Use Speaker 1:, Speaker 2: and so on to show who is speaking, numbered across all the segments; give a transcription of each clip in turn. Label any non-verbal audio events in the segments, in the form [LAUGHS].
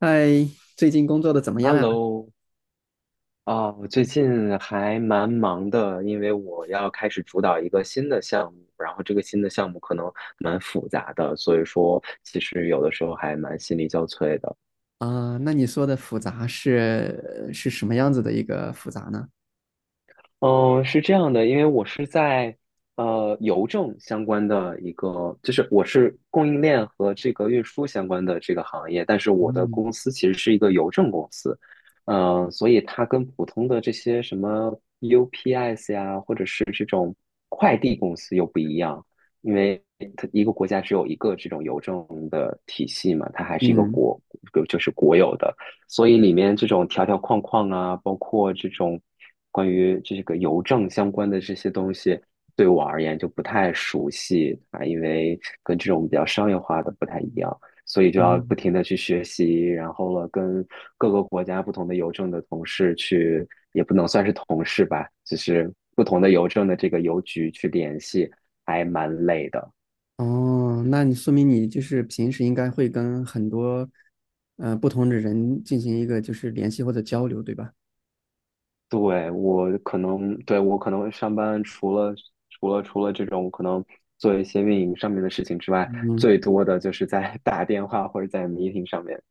Speaker 1: 嗨，最近工作的怎么样啊？
Speaker 2: Hello，啊，我最近还蛮忙的，因为我要开始主导一个新的项目，然后这个新的项目可能蛮复杂的，所以说其实有的时候还蛮心力交瘁的。
Speaker 1: 啊，那你说的复杂是什么样子的一个复杂呢？
Speaker 2: 嗯，是这样的，因为我是在邮政相关的一个，就是我是供应链和这个运输相关的这个行业，但是我的
Speaker 1: 嗯
Speaker 2: 公司其实是一个邮政公司，所以它跟普通的这些什么 UPS 呀，或者是这种快递公司又不一样，因为它一个国家只有一个这种邮政的体系嘛，它还是一个
Speaker 1: 嗯，
Speaker 2: 国，就是国有的。所以里面这种条条框框啊，包括这种关于这个邮政相关的这些东西，对我而言就不太熟悉啊，因为跟这种比较商业化的不太一样，所以就要不
Speaker 1: 嗯，
Speaker 2: 停的去学习，然后了跟各个国家不同的邮政的同事去，也不能算是同事吧，就是不同的邮政的这个邮局去联系，还蛮累的。
Speaker 1: 哦，那你说明你就是平时应该会跟很多不同的人进行一个就是联系或者交流，对吧？
Speaker 2: 对，我可能，对，我可能上班除了这种可能做一些运营上面的事情之外，
Speaker 1: 嗯，
Speaker 2: 最多的就是在 [LAUGHS] 打电话或者在 meeting 上面。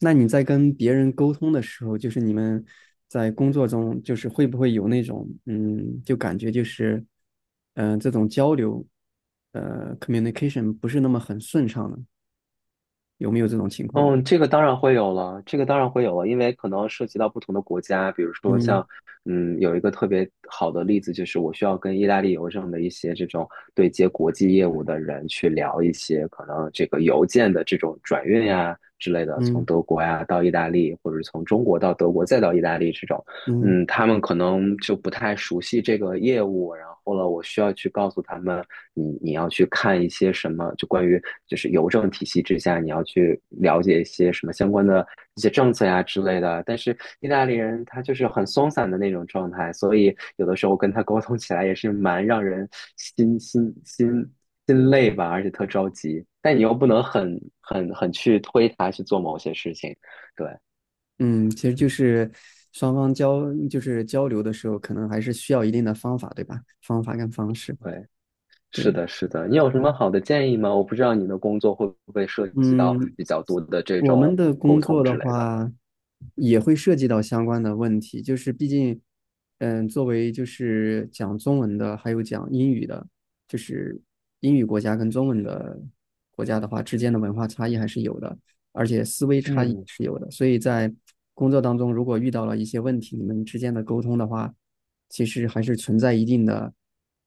Speaker 1: 那你在跟别人沟通的时候，就是你们在工作中，就是会不会有那种嗯，就感觉就是嗯、呃这种交流communication 不是那么很顺畅呢？有没有这种情况呢？
Speaker 2: 嗯，这个当然会有了，这个当然会有了，因为可能涉及到不同的国家，比如说
Speaker 1: 嗯
Speaker 2: 像，有一个特别好的例子，就是我需要跟意大利邮政的一些这种对接国际业务的人去聊一些可能这个邮件的这种转运呀之类的，从
Speaker 1: 嗯
Speaker 2: 德国呀到意大利，或者是从中国到德国再到意大利这种，
Speaker 1: 嗯
Speaker 2: 他们可能就不太熟悉这个业务，然后了，我需要去告诉他们。你要去看一些什么，就关于就是邮政体系之下，你要去了解一些什么相关的一些政策呀之类的。但是意大利人他就是很松散的那种状态，所以有的时候跟他沟通起来也是蛮让人心心心心累吧，而且特着急。但你又不能很去推他去做某些事情，对
Speaker 1: 嗯，其实就是双方交就是交流的时候，可能还是需要一定的方法，对吧？方法跟方式，
Speaker 2: 对。是
Speaker 1: 对。
Speaker 2: 的，是的，你有什么好的建议吗？我不知道你的工作会不会涉及到
Speaker 1: 嗯，
Speaker 2: 比较多的这
Speaker 1: 我们
Speaker 2: 种
Speaker 1: 的
Speaker 2: 沟
Speaker 1: 工
Speaker 2: 通
Speaker 1: 作的
Speaker 2: 之类的。
Speaker 1: 话，也会涉及到相关的问题，就是毕竟，嗯，作为就是讲中文的，还有讲英语的，就是英语国家跟中文的国家的话，之间的文化差异还是有的，而且思维差异也
Speaker 2: 嗯
Speaker 1: 是有的，所以在工作当中，如果遇到了一些问题，你们之间的沟通的话，其实还是存在一定的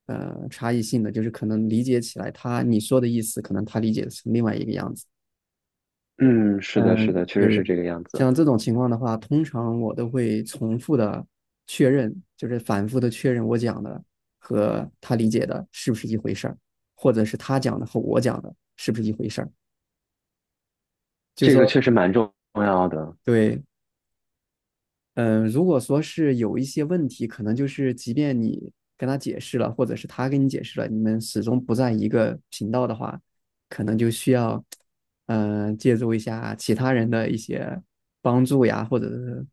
Speaker 1: 差异性的，就是可能理解起来他你说的意思，可能他理解成另外一个样子。
Speaker 2: 嗯，是的，是的，
Speaker 1: 嗯，
Speaker 2: 确实是
Speaker 1: 对，
Speaker 2: 这个样子，
Speaker 1: 像这种情况的话，通常我都会重复的确认，就是反复的确认我讲的和他理解的是不是一回事儿，或者是他讲的和我讲的是不是一回事儿。就是
Speaker 2: 这个
Speaker 1: 说，
Speaker 2: 确实蛮重要的。
Speaker 1: 对，嗯，如果说是有一些问题，可能就是即便你跟他解释了，或者是他跟你解释了，你们始终不在一个频道的话，可能就需要，嗯、借助一下其他人的一些帮助呀，或者是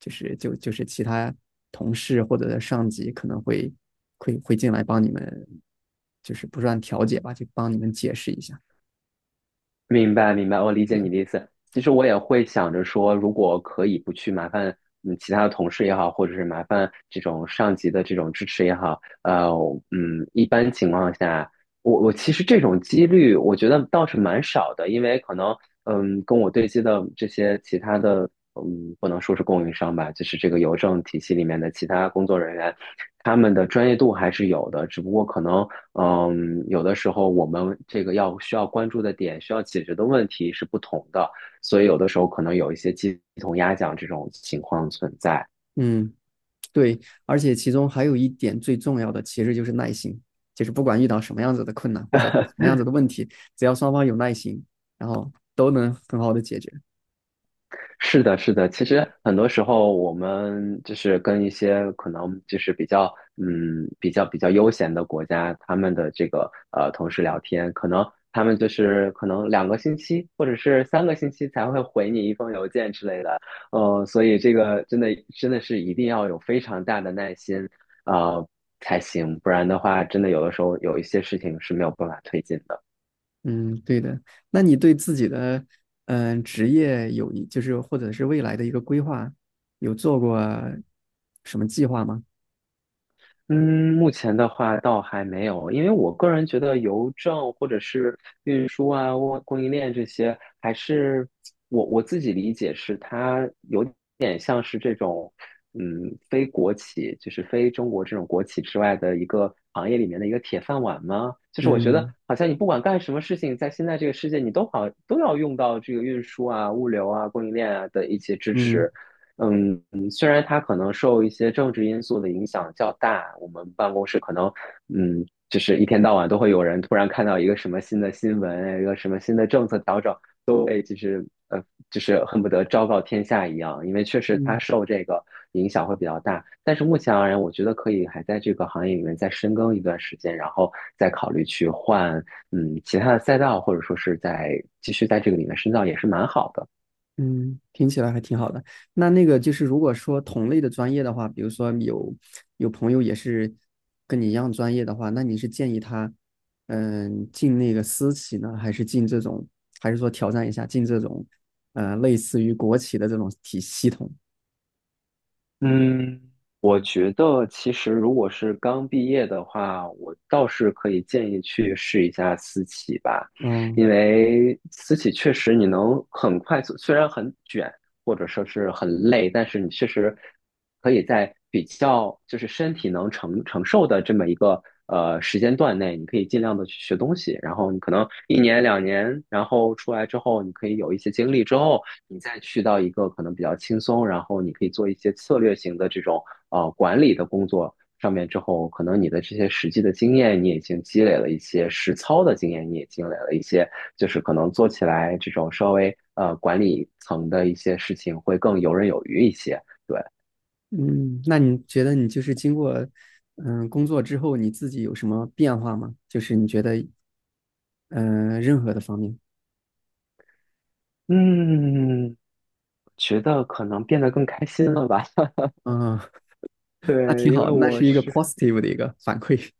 Speaker 1: 就是其他同事或者上级可能会进来帮你们，就是不算调解吧，就帮你们解释一下。
Speaker 2: 明白，明白，我理解你
Speaker 1: 对，
Speaker 2: 的意思。其实我也会想着说，如果可以不去麻烦其他的同事也好，或者是麻烦这种上级的这种支持也好，一般情况下，我其实这种几率我觉得倒是蛮少的，因为可能跟我对接的这些其他的不能说是供应商吧，就是这个邮政体系里面的其他工作人员，他们的专业度还是有的，只不过可能有的时候我们这个要需要关注的点、需要解决的问题是不同的，所以有的时候可能有一些鸡同鸭讲这种情况存在。
Speaker 1: 嗯。对，而且其中还有一点最重要的，其实就是耐心。就是不管遇到什么样子的困难或者是什么样子的问题，只要双方有耐心，然后都能很好的解决。
Speaker 2: 是的，是的。其实很多时候，我们就是跟一些可能就是比较嗯比较比较悠闲的国家，他们的这个同事聊天，可能他们就是可能两个星期或者是三个星期才会回你一封邮件之类的。所以这个真的真的是一定要有非常大的耐心啊，才行，不然的话，真的有的时候有一些事情是没有办法推进的。
Speaker 1: 嗯，对的。那你对自己的职业有一就是或者是未来的一个规划，有做过什么计划吗？
Speaker 2: 嗯，目前的话倒还没有，因为我个人觉得邮政或者是运输啊、供应链这些，还是我自己理解是它有点像是这种，非国企，就是非中国这种国企之外的一个行业里面的一个铁饭碗吗？就是我觉得
Speaker 1: 嗯
Speaker 2: 好像你不管干什么事情，在现在这个世界，你都好都要用到这个运输啊、物流啊、供应链啊的一些支
Speaker 1: 嗯
Speaker 2: 持。嗯，虽然它可能受一些政治因素的影响较大，我们办公室可能，就是一天到晚都会有人突然看到一个什么新的新闻，一个什么新的政策调整，都会就是就是恨不得昭告天下一样，因为确实它
Speaker 1: 嗯。
Speaker 2: 受这个影响会比较大。但是目前而言，我觉得可以还在这个行业里面再深耕一段时间，然后再考虑去换其他的赛道，或者说是在继续在这个里面深造，也是蛮好的。
Speaker 1: 嗯，听起来还挺好的。那那个就是，如果说同类的专业的话，比如说有朋友也是跟你一样专业的话，那你是建议他，嗯，进那个私企呢，还是进这种，还是说挑战一下进这种，呃，类似于国企的这种体系统？
Speaker 2: 嗯，我觉得其实如果是刚毕业的话，我倒是可以建议去试一下私企吧，
Speaker 1: 嗯
Speaker 2: 因为私企确实你能很快速，虽然很卷，或者说是很累，但是你确实可以在比较就是身体能承受的这么一个时间段内，你可以尽量的去学东西，然后你可能一年两年，然后出来之后，你可以有一些经历之后，你再去到一个可能比较轻松，然后你可以做一些策略型的这种管理的工作。上面之后，可能你的这些实际的经验你已经积累了一些，实操的经验你也积累了一些，就是可能做起来这种稍微管理层的一些事情会更游刃有余一些。对，
Speaker 1: 嗯，那你觉得你就是经过工作之后，你自己有什么变化吗？就是你觉得任何的方面，
Speaker 2: 嗯，觉得可能变得更开心了吧？[LAUGHS]
Speaker 1: 嗯，那挺
Speaker 2: 对，因为
Speaker 1: 好，那
Speaker 2: 我
Speaker 1: 是一个
Speaker 2: 是。
Speaker 1: positive 的一个反馈。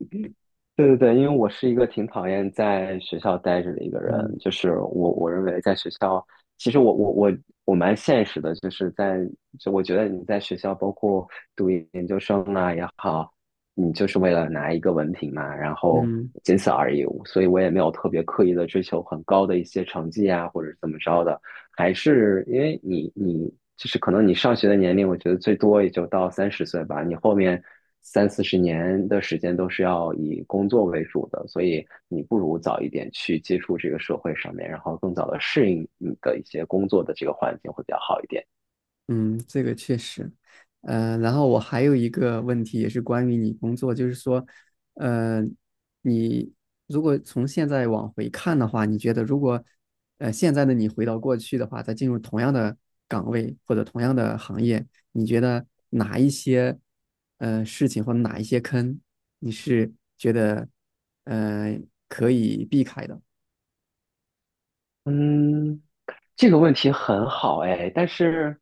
Speaker 2: 对对对，因为我是一个挺讨厌在学校待着的一个
Speaker 1: [LAUGHS]
Speaker 2: 人，
Speaker 1: 嗯。
Speaker 2: 就是我认为在学校，其实我蛮现实的，就是在就我觉得你在学校，包括读研究生啊也好，你就是为了拿一个文凭嘛，然后
Speaker 1: 嗯
Speaker 2: 仅此而已，所以我也没有特别刻意的追求很高的一些成绩啊，或者怎么着的。还是因为你就是可能你上学的年龄，我觉得最多也就到三十岁吧。你后面三四十年的时间都是要以工作为主的，所以你不如早一点去接触这个社会上面，然后更早的适应你的一些工作的这个环境会比较好一点。
Speaker 1: 嗯，这个确实，呃，然后我还有一个问题，也是关于你工作，就是说，呃，你如果从现在往回看的话，你觉得如果，呃，现在的你回到过去的话，再进入同样的岗位或者同样的行业，你觉得哪一些，呃，事情或者哪一些坑，你是觉得，呃，可以避开的？
Speaker 2: 嗯，这个问题很好哎，但是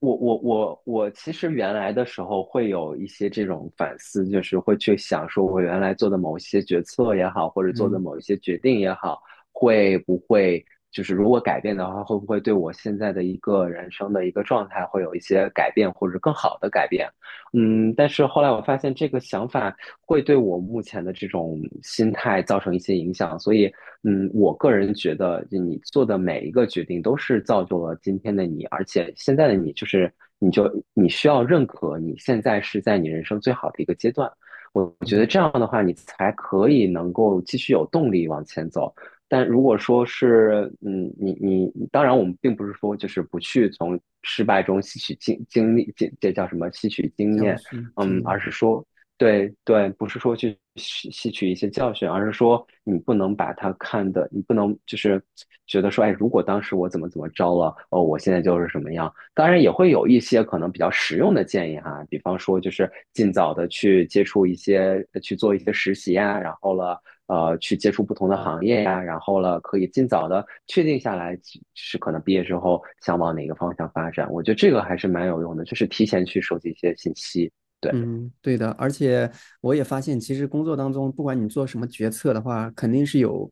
Speaker 2: 我其实原来的时候会有一些这种反思，就是会去想说我原来做的某一些决策也好，或者做的
Speaker 1: 嗯
Speaker 2: 某一些决定也好，会不会就是如果改变的话，会不会对我现在的一个人生的一个状态会有一些改变，或者更好的改变？但是后来我发现这个想法会对我目前的这种心态造成一些影响，所以我个人觉得，你做的每一个决定都是造就了今天的你，而且现在的你就是，你就你需要认可你现在是在你人生最好的一个阶段。我觉得
Speaker 1: 嗯，
Speaker 2: 这样的话，你才可以能够继续有动力往前走。但如果说是，嗯，你你，当然我们并不是说就是不去从失败中吸取经历，这叫什么？吸取经
Speaker 1: 教
Speaker 2: 验，
Speaker 1: 训经
Speaker 2: 而
Speaker 1: 验。
Speaker 2: 是说对对，不是说去吸取一些教训，而是说你不能把它看的，你不能就是觉得说，哎，如果当时我怎么怎么着了，哦，我现在就是什么样。当然也会有一些可能比较实用的建议哈，比方说就是尽早的去接触一些，去做一些实习呀，然后了，去接触不同的行业呀，然后了，可以尽早的确定下来是可能毕业之后想往哪个方向发展。我觉得这个还是蛮有用的，就是提前去收集一些信息。对，
Speaker 1: 嗯，对的，而且我也发现，其实工作当中，不管你做什么决策的话，肯定是有，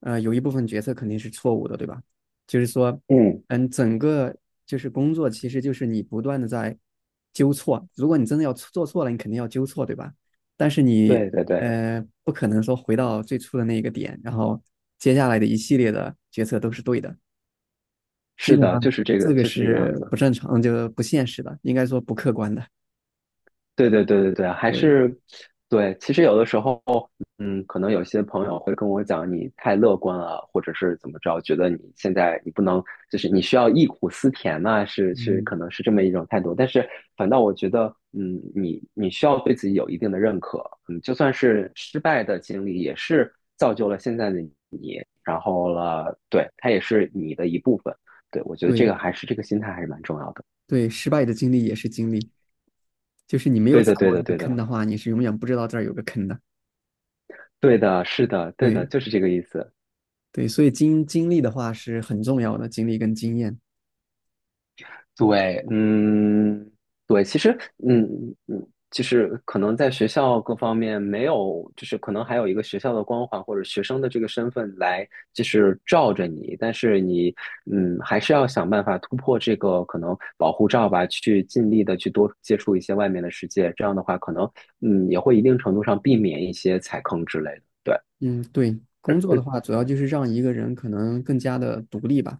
Speaker 1: 呃，有一部分决策肯定是错误的，对吧？就是说，
Speaker 2: 嗯。
Speaker 1: 嗯，整个就是工作，其实就是你不断的在纠错。如果你真的要做错了，你肯定要纠错，对吧？但是你，
Speaker 2: 对对对，
Speaker 1: 呃，不可能说回到最初的那个点，然后接下来的一系列的决策都是对的，基
Speaker 2: 是
Speaker 1: 本
Speaker 2: 的，
Speaker 1: 上
Speaker 2: 就是这个，
Speaker 1: 这个
Speaker 2: 就是这个样
Speaker 1: 是
Speaker 2: 子。
Speaker 1: 不正常，就不现实的，应该说不客观的。
Speaker 2: 对对对对对，还
Speaker 1: 对，
Speaker 2: 是对。其实有的时候，可能有些朋友会跟我讲，你太乐观了，或者是怎么着，觉得你现在你不能，就是你需要忆苦思甜呐、是是，
Speaker 1: 嗯，
Speaker 2: 可能是这么一种态度。但是反倒我觉得，你需要对自己有一定的认可，就算是失败的经历，也是造就了现在的你，然后了，对，它也是你的一部分。对，我觉得这
Speaker 1: 对。
Speaker 2: 个还是这个心态还是蛮重要的。
Speaker 1: 对，失败的经历也是经历，就是你没有
Speaker 2: 对
Speaker 1: 踩
Speaker 2: 的，对
Speaker 1: 过
Speaker 2: 的，
Speaker 1: 这个
Speaker 2: 对
Speaker 1: 坑
Speaker 2: 的，
Speaker 1: 的话，你是永远不知道这儿有个坑的。
Speaker 2: 对的，是的，对
Speaker 1: 对
Speaker 2: 的，就是这个意思。
Speaker 1: 对，所以经历的话是很重要的，经历跟经验。
Speaker 2: 对，嗯，对，其实，嗯就是可能在学校各方面没有，就是可能还有一个学校的光环或者学生的这个身份来，就是罩着你，但是你，还是要想办法突破这个可能保护罩吧，去尽力的去多接触一些外面的世界，这样的话，可能，嗯，也会一定程度上避免一些踩坑之类的。对，
Speaker 1: 嗯，对，工作的话主要就是让一个人可能更加的独立吧，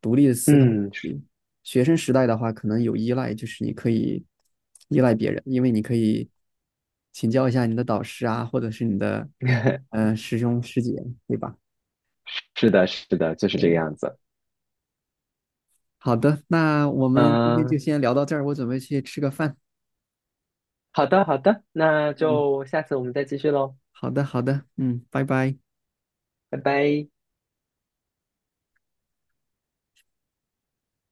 Speaker 1: 独立的思考
Speaker 2: 嗯，是
Speaker 1: 力。学生时代的话，可能有依赖，就是你可以依赖别人，因为你可以请教一下你的导师啊，或者是你的
Speaker 2: [LAUGHS]
Speaker 1: 师兄师姐，对吧？
Speaker 2: 是的，是的，就是这个
Speaker 1: 对，
Speaker 2: 样子。
Speaker 1: 好的，那我们今天就
Speaker 2: 嗯，
Speaker 1: 先聊到这儿，我准备去吃个饭。
Speaker 2: 好的好的，那
Speaker 1: 嗯，
Speaker 2: 就下次我们再继续喽，
Speaker 1: 好的，好的，嗯，拜拜。
Speaker 2: 拜拜。